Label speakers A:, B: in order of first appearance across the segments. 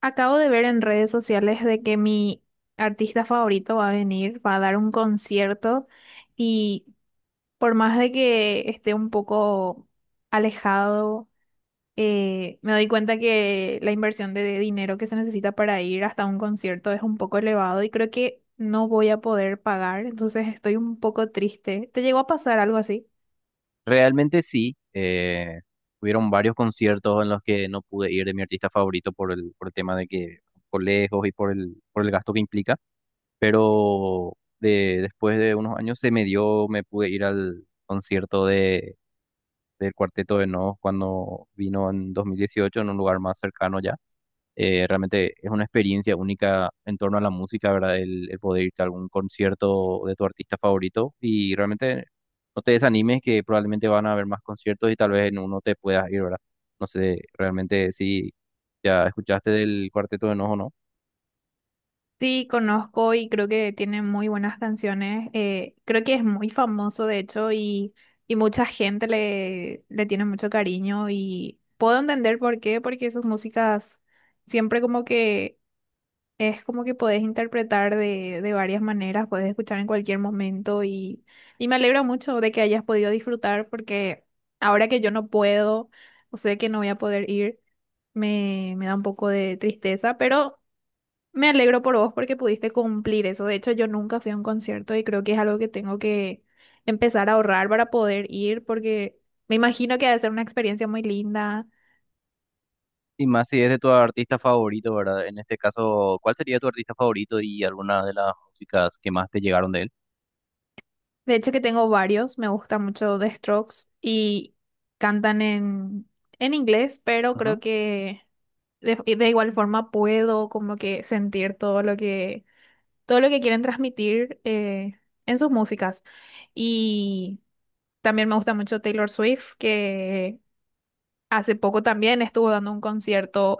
A: Acabo de ver en redes sociales de que mi artista favorito va a venir, va a dar un concierto y por más de que esté un poco alejado, me doy cuenta que la inversión de dinero que se necesita para ir hasta un concierto es un poco elevado y creo que no voy a poder pagar, entonces estoy un poco triste. ¿Te llegó a pasar algo así?
B: Realmente sí. Hubieron varios conciertos en los que no pude ir de mi artista favorito por el tema de que por lejos y por el gasto que implica. Pero después de unos años se me dio, me pude ir al concierto del Cuarteto de Nos cuando vino en 2018 en un lugar más cercano ya. Realmente es una experiencia única en torno a la música, ¿verdad? El poder irte a algún concierto de tu artista favorito y realmente no te desanimes, que probablemente van a haber más conciertos y tal vez en uno te puedas ir, ¿verdad? No sé realmente si ya escuchaste del Cuarteto de Nos o no.
A: Sí, conozco y creo que tiene muy buenas canciones. Creo que es muy famoso, de hecho, y mucha gente le tiene mucho cariño y puedo entender por qué, porque sus músicas siempre como que es como que podés interpretar de varias maneras, podés escuchar en cualquier momento y me alegro mucho de que hayas podido disfrutar porque ahora que yo no puedo o sé que no voy a poder ir, me da un poco de tristeza, pero... Me alegro por vos porque pudiste cumplir eso. De hecho, yo nunca fui a un concierto y creo que es algo que tengo que empezar a ahorrar para poder ir porque me imagino que ha de ser una experiencia muy linda.
B: Y más si es de tu artista favorito, ¿verdad? En este caso, ¿cuál sería tu artista favorito y alguna de las músicas que más te llegaron de él?
A: De hecho, que tengo varios. Me gusta mucho The Strokes y cantan en inglés, pero
B: Ujú.
A: creo que de igual forma puedo como que sentir todo lo que quieren transmitir en sus músicas. Y también me gusta mucho Taylor Swift, que hace poco también estuvo dando un concierto,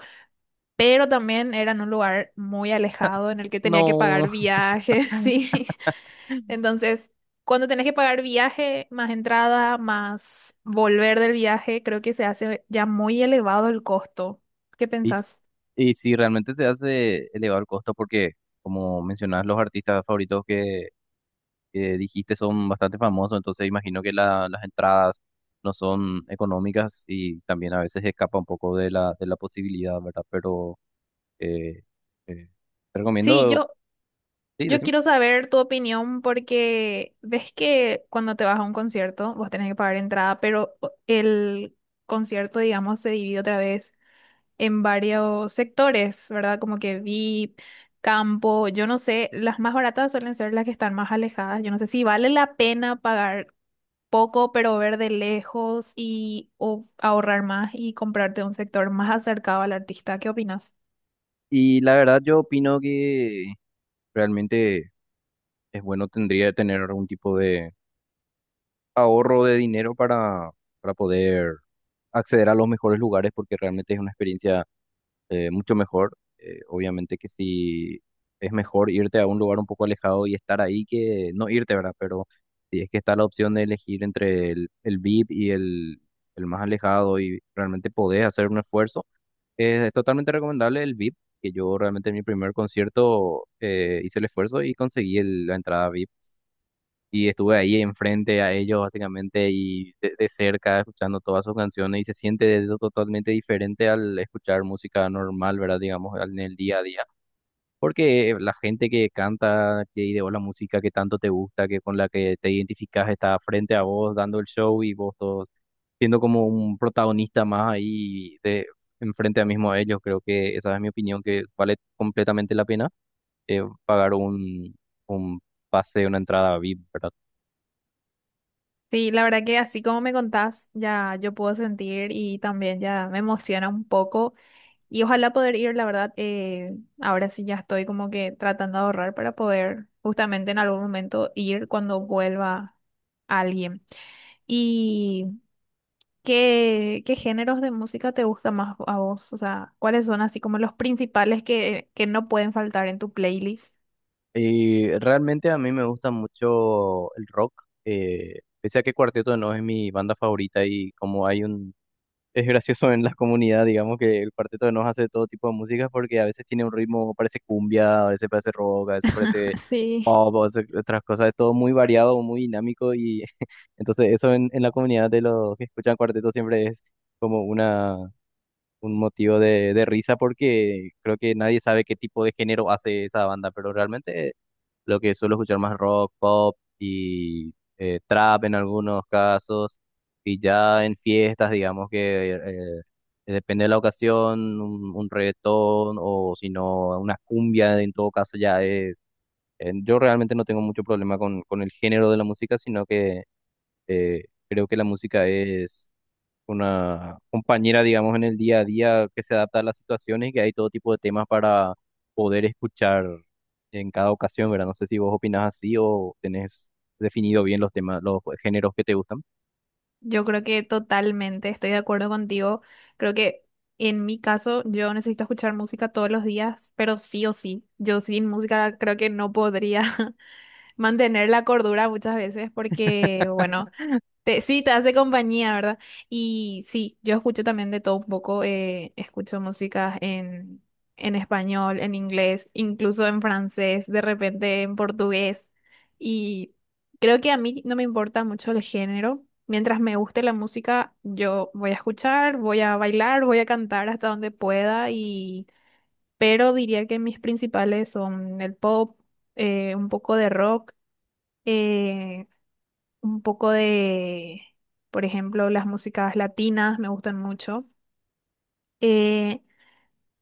A: pero también era en un lugar muy alejado en el que tenía que
B: No.
A: pagar viajes, sí. Entonces, cuando tenés que pagar viaje, más entrada, más volver del viaje, creo que se hace ya muy elevado el costo. ¿Qué
B: Y, s-
A: pensás?
B: y si realmente se hace elevado el costo, porque como mencionabas, los artistas favoritos que dijiste son bastante famosos, entonces imagino que la- las entradas no son económicas y también a veces escapa un poco de la posibilidad, ¿verdad? Pero eh, eh, te
A: Sí,
B: recomiendo,
A: yo,
B: sí,
A: yo
B: decime.
A: quiero saber tu opinión porque ves que cuando te vas a un concierto, vos tenés que pagar entrada, pero el concierto, digamos, se divide otra vez en varios sectores, ¿verdad? Como que VIP, campo, yo no sé, las más baratas suelen ser las que están más alejadas. Yo no sé si vale la pena pagar poco, pero ver de lejos y o ahorrar más y comprarte un sector más acercado al artista. ¿Qué opinas?
B: Y la verdad yo opino que realmente es bueno, tendría que tener algún tipo de ahorro de dinero para poder acceder a los mejores lugares, porque realmente es una experiencia mucho mejor. Obviamente que sí, es mejor irte a un lugar un poco alejado y estar ahí que no irte, ¿verdad? Pero si es que está la opción de elegir entre el VIP y el más alejado, y realmente podés hacer un esfuerzo, es totalmente recomendable el VIP. Que yo realmente en mi primer concierto hice el esfuerzo y conseguí el- la entrada VIP, y estuve ahí enfrente a ellos básicamente y de cerca escuchando todas sus canciones, y se siente eso totalmente diferente al escuchar música normal, ¿verdad? Digamos, al- en el día a día. Porque la gente que canta, que ideó la música que tanto te gusta, que con la que te identificas, está frente a vos dando el show, y vos todos siendo como un protagonista más ahí de enfrente a mismo a ellos. Creo que esa es mi opinión, que vale completamente la pena pagar un pase, una entrada VIP, ¿verdad?
A: Sí, la verdad que así como me contás, ya yo puedo sentir y también ya me emociona un poco. Y ojalá poder ir, la verdad, ahora sí ya estoy como que tratando de ahorrar para poder justamente en algún momento ir cuando vuelva alguien. ¿Y qué géneros de música te gusta más a vos? O sea, ¿cuáles son así como los principales que no pueden faltar en tu playlist?
B: Y realmente a mí me gusta mucho el rock, pese a que Cuarteto no es mi banda favorita y como hay un... Es gracioso en la comunidad, digamos, que el Cuarteto de Nos hace todo tipo de música, porque a veces tiene un ritmo, parece cumbia, a veces parece rock, a veces parece
A: Sí,
B: pop, a veces otras cosas, es todo muy variado, muy dinámico y entonces eso en la comunidad de los que escuchan Cuarteto siempre es como una, un motivo de risa, porque creo que nadie sabe qué tipo de género hace esa banda, pero realmente lo que suelo escuchar más rock, pop y trap en algunos casos. Y ya en fiestas, digamos que eh, depende de la ocasión, un reggaetón o si no, una cumbia en todo caso ya es... Yo realmente no tengo mucho problema con el género de la música, sino que eh, creo que la música es una compañera, digamos, en el día a día, que se adapta a las situaciones y que hay todo tipo de temas para poder escuchar en cada ocasión, ¿verdad? No sé si vos opinás así o tenés definido bien los temas, los géneros que te gustan.
A: yo creo que totalmente estoy de acuerdo contigo. Creo que en mi caso yo necesito escuchar música todos los días, pero sí o sí, yo sin música creo que no podría. Mantener la cordura muchas veces porque, bueno, sí, te hace compañía, ¿verdad? Y sí, yo escucho también de todo un poco, escucho músicas en español, en inglés, incluso en francés, de repente en portugués. Y creo que a mí no me importa mucho el género. Mientras me guste la música, yo voy a escuchar, voy a bailar, voy a cantar hasta donde pueda y... Pero diría que mis principales son el pop, un poco de rock, eh, un poco por ejemplo, las músicas latinas me gustan mucho. eh,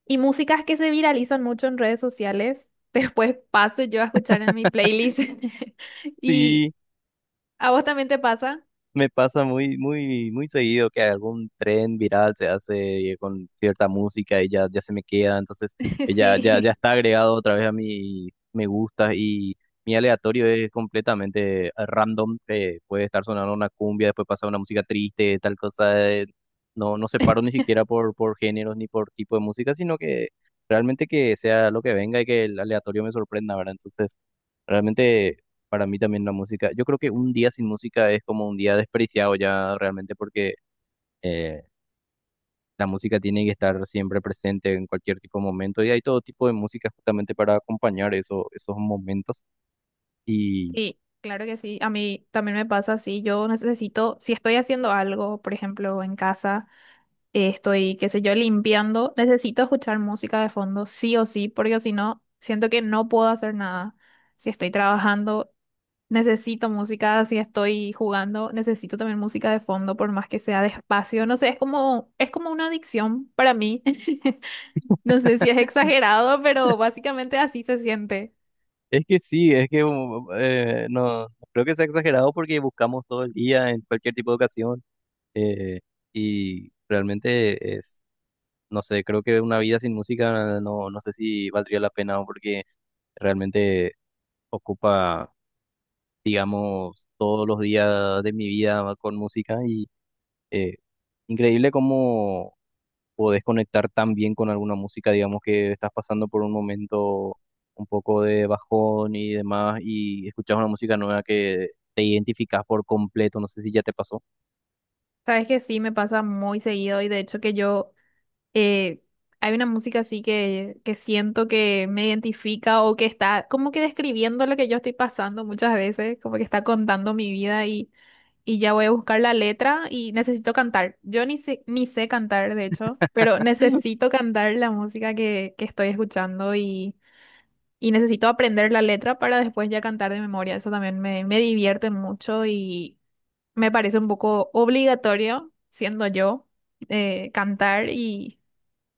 A: y músicas que se viralizan mucho en redes sociales. Después paso yo a escuchar en mi playlist. ¿Y
B: Sí.
A: a vos también te pasa?
B: Me pasa muy, muy, muy seguido que algún tren viral se hace con cierta música y ya, ya se me queda, entonces ya
A: Sí,
B: está agregado otra vez a mi me gusta, y mi aleatorio es completamente random. Puede estar sonando una cumbia, después pasa una música triste, tal cosa. No, no separo ni siquiera por géneros ni por tipo de música, sino que realmente que sea lo que venga y que el aleatorio me sorprenda, ¿verdad? Entonces... realmente para mí también la música, yo creo que un día sin música es como un día desperdiciado ya realmente, porque eh, la música tiene que estar siempre presente en cualquier tipo de momento, y hay todo tipo de música justamente para acompañar eso- esos momentos. Y
A: sí, claro que sí. A mí también me pasa así. Yo necesito, si estoy haciendo algo, por ejemplo, en casa. Estoy, qué sé yo, limpiando, necesito escuchar música de fondo, sí o sí, porque si no, siento que no puedo hacer nada. Si estoy trabajando, necesito música, si estoy jugando, necesito también música de fondo, por más que sea despacio. No sé, es como una adicción para mí. No sé si es exagerado, pero básicamente así se siente.
B: es que sí, es que no creo que sea exagerado, porque buscamos todo el día en cualquier tipo de ocasión. eh, y realmente es, no sé, creo que una vida sin música no, no sé si valdría la pena, porque realmente ocupa, digamos, todos los días de mi vida con música. Y eh, increíble cómo podés conectar tan bien con alguna música, digamos, que estás pasando por un momento un poco de bajón y demás, y escuchas una música nueva que te identificas por completo. No sé si ya te pasó.
A: Sabes que sí, me pasa muy seguido y de hecho que yo eh, hay una música así que siento que me identifica o que está como que describiendo lo que yo estoy pasando muchas veces, como que está contando mi vida y ya voy a buscar la letra y necesito cantar. Yo ni sé cantar, de hecho, pero necesito cantar la música que estoy escuchando y necesito aprender la letra para después ya cantar de memoria. Eso también me divierte mucho y me parece un poco obligatorio, siendo yo, cantar y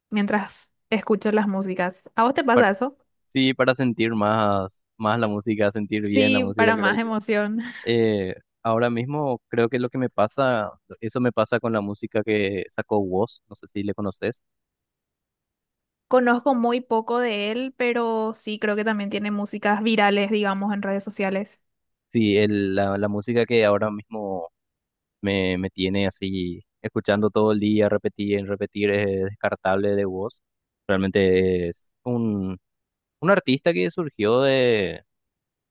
A: mientras escucho las músicas. ¿A vos te
B: Par-
A: pasa eso?
B: sí, para sentir más, más la música, sentir bien la
A: Sí,
B: música,
A: para
B: creo
A: más
B: yo.
A: emoción.
B: Eh, Ahora mismo creo que lo que me pasa, eso me pasa con la música que sacó Woz, no sé si le conoces.
A: Conozco muy poco de él, pero sí creo que también tiene músicas virales, digamos, en redes sociales.
B: Sí, el- la música que ahora mismo me, me tiene así escuchando todo el día, repetir, en repetir, es descartable de voz. Realmente es un artista que surgió de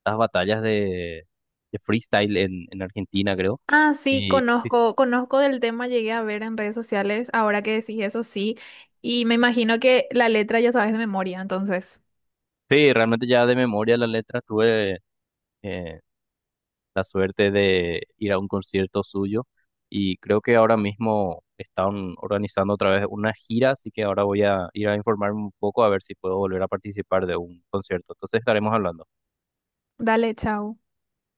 B: las batallas de freestyle en Argentina, creo.
A: Ah, sí,
B: Y
A: conozco, conozco del tema, llegué a ver en redes sociales, ahora que decís eso sí, y me imagino que la letra ya sabes de memoria, entonces.
B: sí, realmente ya de memoria la letra estuve eh, la suerte de ir a un concierto suyo. Y creo que ahora mismo están organizando otra vez una gira, así que ahora voy a ir a informarme un poco a ver si puedo volver a participar de un concierto. Entonces estaremos hablando.
A: Dale, chao.